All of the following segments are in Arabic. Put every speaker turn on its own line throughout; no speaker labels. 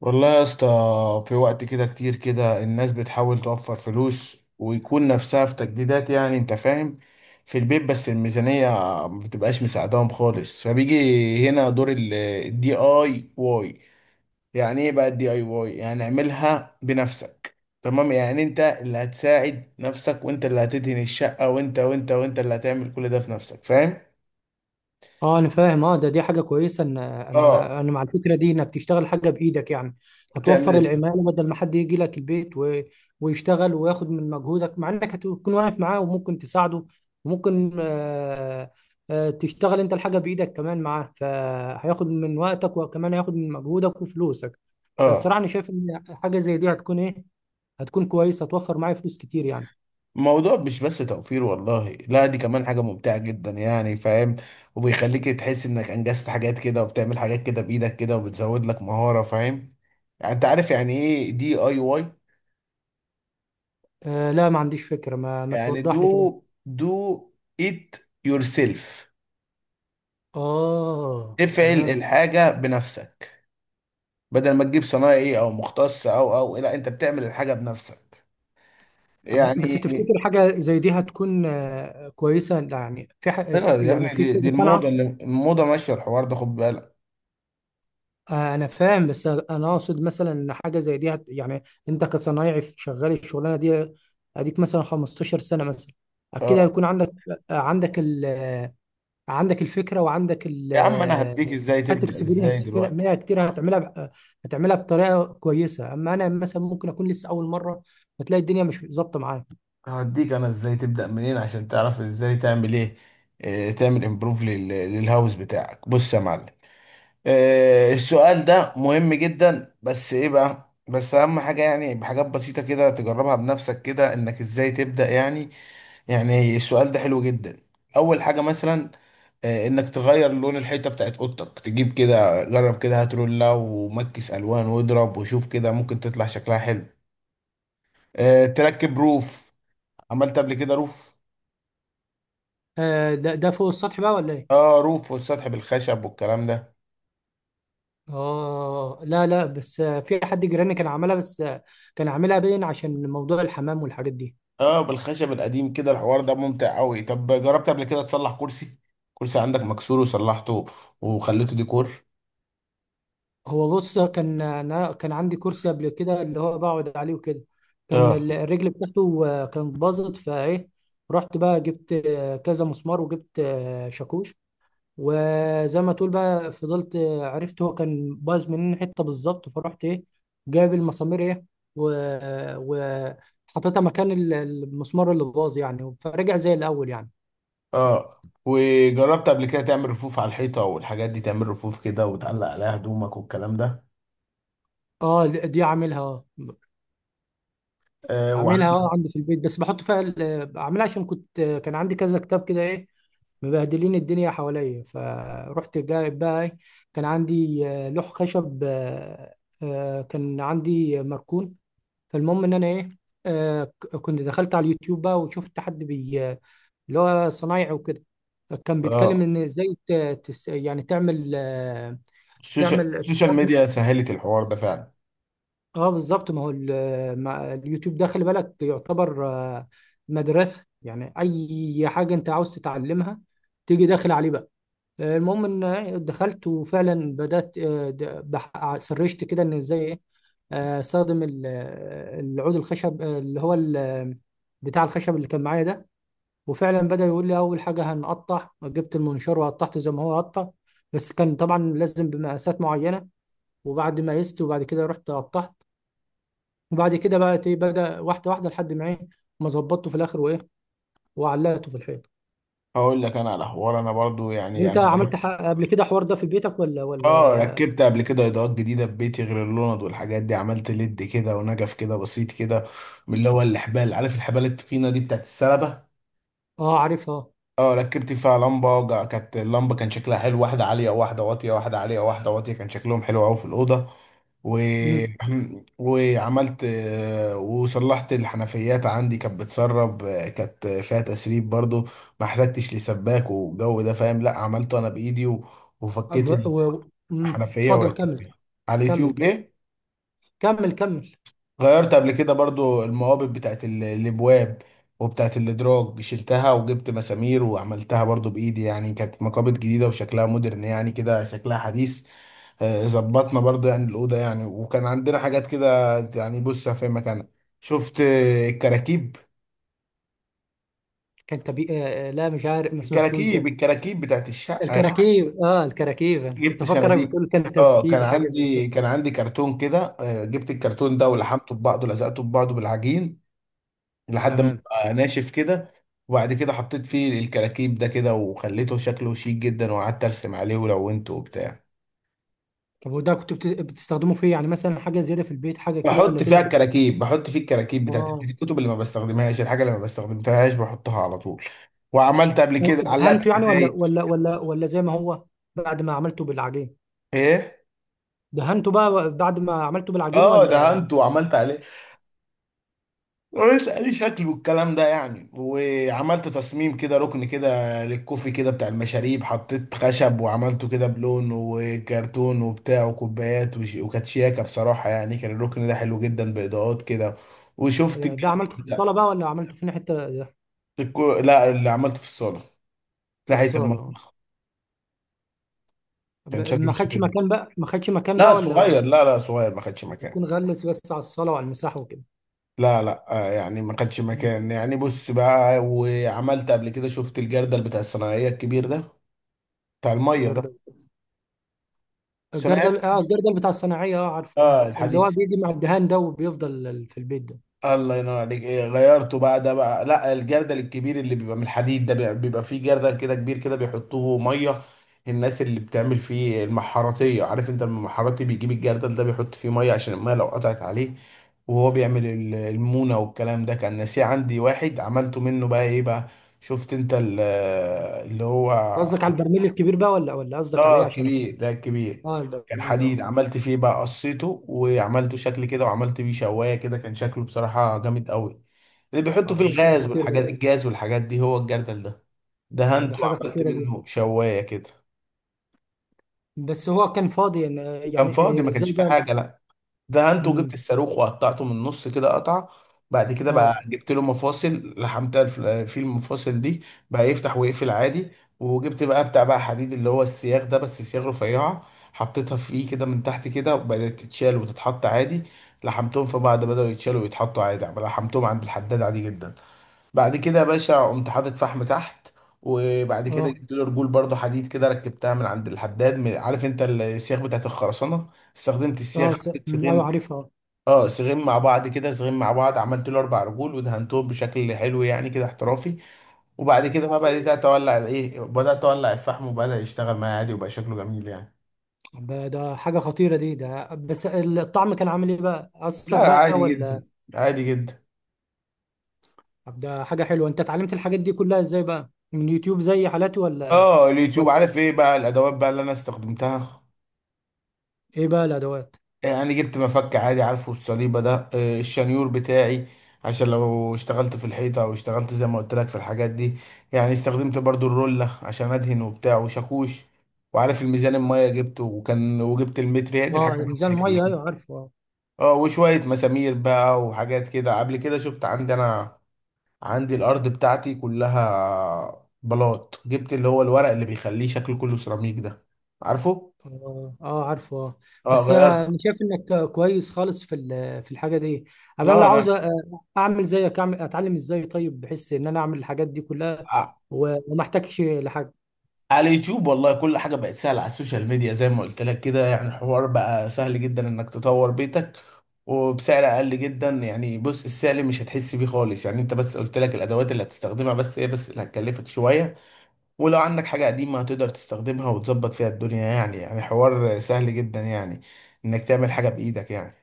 والله يا اسطى، في وقت كده كتير كده الناس بتحاول توفر فلوس ويكون نفسها في تجديدات، يعني انت فاهم، في البيت، بس الميزانية ما بتبقاش مساعداهم خالص، فبيجي هنا دور الدي اي واي. يعني ايه بقى الدي اي واي؟ يعني اعملها بنفسك، تمام؟ يعني انت اللي هتساعد نفسك، وانت اللي هتدهن الشقة، وانت اللي هتعمل كل ده في نفسك، فاهم؟
اه انا فاهم، اه ده دي حاجه كويسه ان انا
اه.
انا مع الفكره دي انك تشتغل حاجه بايدك يعني. هتوفر
تعمل.
العماله بدل ما حد يجي لك البيت ويشتغل وياخد من مجهودك، مع انك هتكون واقف معاه وممكن تساعده وممكن تشتغل انت الحاجه بايدك كمان معاه، فهياخد من وقتك وكمان هياخد من مجهودك وفلوسك.
اه.
فالصراحه انا شايف ان حاجه زي دي هتكون ايه، هتكون كويسه، هتوفر معايا فلوس كتير يعني.
الموضوع مش بس توفير، والله لا، دي كمان حاجة ممتعة جدا يعني، فاهم؟ وبيخليك تحس انك انجزت حاجات كده، وبتعمل حاجات كده بايدك كده، وبتزود لك مهارة، فاهم؟ يعني انت عارف يعني ايه دي اي واي؟
لا، ما عنديش فكره. ما
يعني
توضح لي كده.
دو ات يور سيلف،
اه
افعل
تمام.
الحاجة بنفسك. بدل ما تجيب صنايعي او مختص او لا، انت بتعمل الحاجة بنفسك
طب بس
يعني.
تفتكر حاجة زي دي هتكون كويسة يعني في
ايوه يا ابني،
يعني في
دي
كذا
الموضة،
صنعة.
الموضة ماشية، الحوار ده خد بالك.
أنا فاهم، بس أنا أقصد مثلا إن حاجة زي دي هت يعني، أنت كصنايعي شغال الشغلانة دي أديك مثلا 15 سنة مثلا، أكيد
آه.
هيكون عندك عندك ال آه، عندك الفكرة وعندك ال
يا عم انا
آه،
هديك ازاي
خدت
تبدأ ازاي
اكسبيرينس في
دلوقتي،
منها كتير، هتعملها هتعملها بطريقة كويسة. أما أنا مثلا ممكن أكون لسه أول مرة فتلاقي الدنيا مش ظابطة معايا.
هديك انا ازاي تبدأ منين عشان تعرف ازاي تعمل ايه؟ تعمل امبروف للهاوس بتاعك. بص يا معلم، السؤال ده مهم جدا، بس ايه بقى، بس اهم حاجة يعني بحاجات بسيطة كده تجربها بنفسك كده، انك ازاي تبدأ يعني. يعني السؤال ده حلو جدا. اول حاجة مثلا، انك تغير لون الحيطه بتاعت اوضتك، تجيب كده، جرب كده، هات رولة ومكس الوان واضرب وشوف كده، ممكن تطلع شكلها حلو. تركب روف. عملت قبل كده روف؟
ده فوق السطح بقى ولا إيه؟
اه، روف والسطح بالخشب والكلام ده.
اه، لا لا، بس في حد جيراني كان عاملها، بس كان عاملها باين عشان موضوع الحمام والحاجات دي.
اه، بالخشب القديم كده، الحوار ده ممتع قوي. طب جربت قبل كده تصلح كرسي؟ كرسي عندك مكسور وصلحته وخليته ديكور؟
هو بص، كان انا كان عندي كرسي قبل كده اللي هو بقعد عليه وكده. كان
اه.
الرجل بتاعته كانت باظت فايه. رحت بقى جبت كذا مسمار وجبت شاكوش. وزي ما تقول بقى فضلت عرفت هو كان باظ منين حته بالظبط، فرحت ايه، جايب المسامير ايه، و... و... حطيتها مكان المسمار اللي باظ يعني، فرجع زي الاول يعني.
اه. وجربت قبل كده تعمل رفوف على الحيطة والحاجات دي، تعمل رفوف كده وتعلق عليها هدومك والكلام ده؟
اه، دي عاملها اه،
آه.
عاملها اه عندي في البيت، بس بحط فيها بعملها عشان كان عندي كذا كتاب كده ايه، مبهدلين الدنيا حواليا، فرحت جايب بقى ايه، كان عندي لوح خشب كان عندي مركون. فالمهم ان انا ايه، كنت دخلت على اليوتيوب بقى وشفت حد بي، اللي هو صنايعي وكده، كان بيتكلم
اه،
ان ازاي يعني تعمل
السوشيال
تعمل.
السوشيال ميديا سهلت الحوار ده فعلا.
اه بالظبط، ما هو اليوتيوب ده خلي بالك يعتبر مدرسة، يعني أي حاجة أنت عاوز تتعلمها تيجي داخل عليه بقى. المهم إن دخلت وفعلا بدأت سرشت كده إن إزاي إيه أستخدم العود الخشب اللي هو بتاع الخشب اللي كان معايا ده. وفعلا بدأ يقول لي أول حاجة هنقطع، جبت المنشار وقطعت زي ما هو قطع. بس كان طبعا لازم بمقاسات معينة. وبعد ما قست وبعد كده رحت قطعت. وبعد كده بقى ايه بدأ واحدة واحدة لحد ما ايه ما ظبطته في الآخر، وإيه، وعلقته في الحيط.
هقول لك انا على حوار، انا برضو يعني انا
أنت عملت
جربت.
قبل كده حوار ده في بيتك ولا
اه،
ولا
ركبت قبل كده اضاءات جديده في بيتي غير اللوند والحاجات دي، عملت ليد كده ونجف كده بسيط كده، من اللي هو الحبال، عارف الحبال التخينه دي بتاعت السلبه؟
آه عارفها.
اه، ركبت فيها لمبه. كانت اللمبه كان شكلها حلو، واحده عاليه وواحده واطيه، واحده عاليه وواحده واطيه، كان شكلهم حلو قوي في الاوضه. و...
امم.
وعملت آه، وصلحت الحنفيات، عندي كانت بتسرب، كانت فيها تسريب برضو، ما احتجتش لسباك والجو ده، فاهم؟ لا، عملته انا بايدي. وفكيت
أب- و- امم.
حنفية
اتفضل كمل.
وركبتها، على
كمل
اليوتيوب،
كمل.
ايه.
كمل كمل.
غيرت قبل كده برضو المقابض بتاعت الابواب وبتاعت الادراج، شلتها وجبت مسامير وعملتها برضو بايدي يعني، كانت مقابض جديدة وشكلها مودرن يعني كده، شكلها حديث. ظبطنا برضو يعني الأوضة يعني، وكان عندنا حاجات كده يعني بص في مكانها. شفت الكراكيب،
كان تبي لا، مش عارف، ما سمعتوش
الكراكيب
ده.
الكراكيب بتاعت الشقة يعني،
الكراكيب، انا كنت
جبت
افكرك
صناديق.
بتقول كان
اه، كان
ترتيب حاجه زي كده.
عندي كان عندي كرتون كده، جبت الكرتون ده
مم.
ولحمته ببعضه، لزقته ببعضه بالعجين لحد ما
تمام.
بقى ناشف كده. وبعد كده حطيت فيه الكراكيب ده كده وخليته شكله شيك جدا، وقعدت ارسم عليه ولونته وبتاع.
طب وده كنت بتستخدمه في إيه؟ يعني مثلا حاجه زياده في البيت، حاجه كده ولا
بحط فيها
كده.
الكراكيب، بحط فيه الكراكيب بتاعت
اه،
الكتب اللي ما بستخدمهاش، الحاجه اللي ما بستخدمتهاش بحطها على طول. وعملت قبل كده، علقت
دهنته يعني ولا
كتايب.
ولا ولا ولا زي ما هو بعد ما عملته بالعجين؟
ايه،
دهنته بقى بعد ما عملته بالعجين
اه،
ولا؟
دهنت وعملت عليه، ولسه لي شكل والكلام ده يعني. وعملت تصميم كده، ركن كده للكوفي كده بتاع المشاريب، حطيت خشب وعملته كده بلون وكرتون وبتاع وكوبايات وكانت شياكة بصراحة يعني، كان الركن ده حلو جدا بإضاءات كده. وشفت
ده
الجرد
عملته في
بتاع
الصالة بقى ولا عملته في حتة؟
لا، اللي عملته في الصالة
في
ناحية
الصالة.
المطبخ. كان شكله
ما خدش
بالشكل ده،
مكان بقى، ما خدش مكان بقى
لا،
ولا؟
صغير، لا لا، صغير، ما خدش مكان.
يكون غلس بس على الصالة وعلى المساحة وكده.
لا لا، يعني ما خدش
مم.
مكان يعني، بص بقى. وعملت قبل كده، شفت الجردل بتاع الصناعية الكبير ده بتاع المية ده؟
الجردل.
بس انا عارف،
الجردل بتاع الصناعية، اه عارفه، اه
اه،
اللي
الحديد،
هو بيجي مع الدهان ده وبيفضل في البيت ده.
الله ينور عليك. إيه غيرته بقى ده بقى؟ لا، الجردل الكبير اللي بيبقى من الحديد ده، بيبقى فيه جردل كده كبير كده بيحطوه ميه. الناس اللي بتعمل فيه المحاراتيه، عارف انت المحاراتي بيجيب الجردل ده بيحط فيه ميه عشان الميه لو قطعت عليه وهو بيعمل المونه والكلام ده، كان ناسيه عندي واحد، عملته منه بقى ايه بقى. شفت انت اللي هو،
قصدك على البرميل الكبير بقى ولا قصدك عليه
اه،
عشان اكون.
كبير ده كبير.
اه
كان
البرميل
حديد،
اه.
عملت فيه بقى، قصيته وعملته شكل كده، وعملت بيه شوايه كده، كان شكله بصراحه جامد قوي. اللي بيحطوا
اه
فيه
ده شغل
الغاز
خطير ده.
والحاجات، الجاز والحاجات دي، هو الجردل ده.
ده
دهنته
حاجة
وعملت
خطيرة دي.
منه شوايه كده،
بس هو كان فاضي يعني،
كان فاضي
يعني
ما
ازاي
كانش فيه
ده.
حاجه. لا، ده انتوا، جبت
امم.
الصاروخ وقطعته من النص كده، قطعه. بعد كده
اه
بقى جبت له مفاصل، لحمتها. في المفاصل دي، بقى يفتح ويقفل عادي. وجبت بقى بتاع بقى حديد، اللي هو السياخ ده، بس سياخ رفيعه، حطيتها فيه كده من تحت كده، وبدات تتشال وتتحط عادي. لحمتهم في بعض، بدأوا يتشالوا ويتحطوا عادي، لحمتهم عند الحداد عادي جدا. بعد كده يا باشا، قمت حاطط فحم تحت. وبعد كده
اه
جبت له رجول برضه حديد كده، ركبتها من عند الحداد، من، عارف انت السياخ بتاعت الخرسانه؟ استخدمت
اه
السياخ، حطيت
أمم، ايوه
سيخين،
عارفها.
اه، صغير مع بعض كده، صغير مع بعض، عملت له اربع رجول ودهنتهم بشكل حلو يعني كده احترافي. وبعد كده ما بدات اتولع الفحم، وبدا يشتغل معايا عادي، وبقى شكله جميل يعني.
ده حاجه خطيره دي، ده بس الطعم كان عامل ايه بقى
لا،
اثر بقى
عادي
ولا؟
جدا، عادي جدا.
طب ده حاجه حلوه، انت اتعلمت الحاجات دي كلها ازاي بقى من يوتيوب زي حالاتي ولا
اه، اليوتيوب.
ولا
عارف ايه بقى الادوات بقى اللي انا استخدمتها؟
ايه بقى الادوات؟
يعني جبت مفك عادي، عارفه الصليبة ده، الشنيور بتاعي، عشان لو اشتغلت في الحيطة او اشتغلت زي ما قلت لك في الحاجات دي يعني. استخدمت برضو الرولة عشان ادهن وبتاع، وشاكوش، وعارف الميزان المية جبته، وكان، وجبت المتر، هي دي
اه
الحاجات البسيطة
ميزان
اللي
الميه ايوه
فيه.
عارفه.
اه، وشوية مسامير بقى وحاجات كده. قبل كده شفت، عندي انا عندي الارض بتاعتي كلها بلاط، جبت اللي هو الورق اللي بيخليه شكله كله سيراميك ده، عارفه؟
اه اه عارفه اه.
اه،
بس
غيرت.
انا شايف انك كويس خالص في في الحاجه دي. أبقى انا
لا،
لو
انا
عاوز اعمل زيك، اتعلم ازاي طيب، بحيث ان انا اعمل الحاجات دي كلها وما احتاجش لحاجه.
على اليوتيوب والله، كل حاجة بقت سهلة على السوشيال ميديا، زي ما قلت لك كده يعني، الحوار بقى سهل جدا انك تطور بيتك، وبسعر اقل جدا يعني. بص، السعر مش هتحس بيه خالص يعني، انت بس قلت لك الادوات اللي هتستخدمها، بس هي بس اللي هتكلفك شوية. ولو عندك حاجة قديمة هتقدر تستخدمها وتظبط فيها الدنيا يعني، يعني حوار سهل جدا يعني، انك تعمل حاجة بايدك يعني.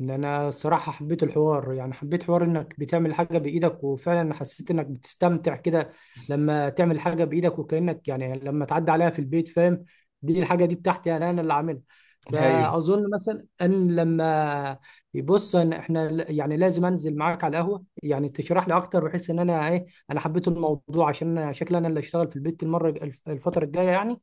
ان انا الصراحه حبيت الحوار يعني، حبيت حوار انك بتعمل حاجه بايدك، وفعلا حسيت انك بتستمتع كده لما تعمل حاجه بايدك، وكانك يعني لما تعدي عليها في البيت فاهم، دي الحاجه دي بتاعتي، انا اللي عاملها.
ايوه،
فاظن مثلا ان لما يبص ان احنا يعني لازم انزل معاك على القهوه يعني تشرح لي اكتر، بحيث ان انا ايه، انا حبيت الموضوع عشان انا شكلي انا اللي اشتغل في البيت المره الفتره الجايه يعني.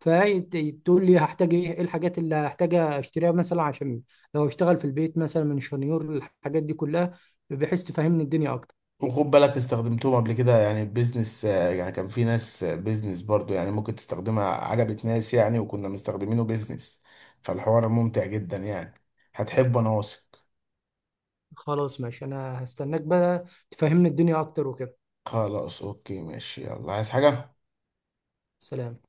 فتقول لي هحتاج ايه، إيه الحاجات اللي هحتاج اشتريها مثلا عشان لو اشتغل في البيت مثلا من شنيور الحاجات دي كلها، بحيث تفهمني الدنيا اكتر.
وخد بالك استخدمتهم قبل كده يعني بيزنس يعني، كان في ناس بيزنس برضو يعني ممكن تستخدمها، عجبت ناس يعني، وكنا مستخدمينه بيزنس، فالحوار ممتع جدا يعني، هتحبه، انا واثق.
خلاص ماشي، انا هستناك بقى تفهمني الدنيا اكتر وكده.
خلاص اوكي ماشي، يلا، عايز حاجة؟
سلام.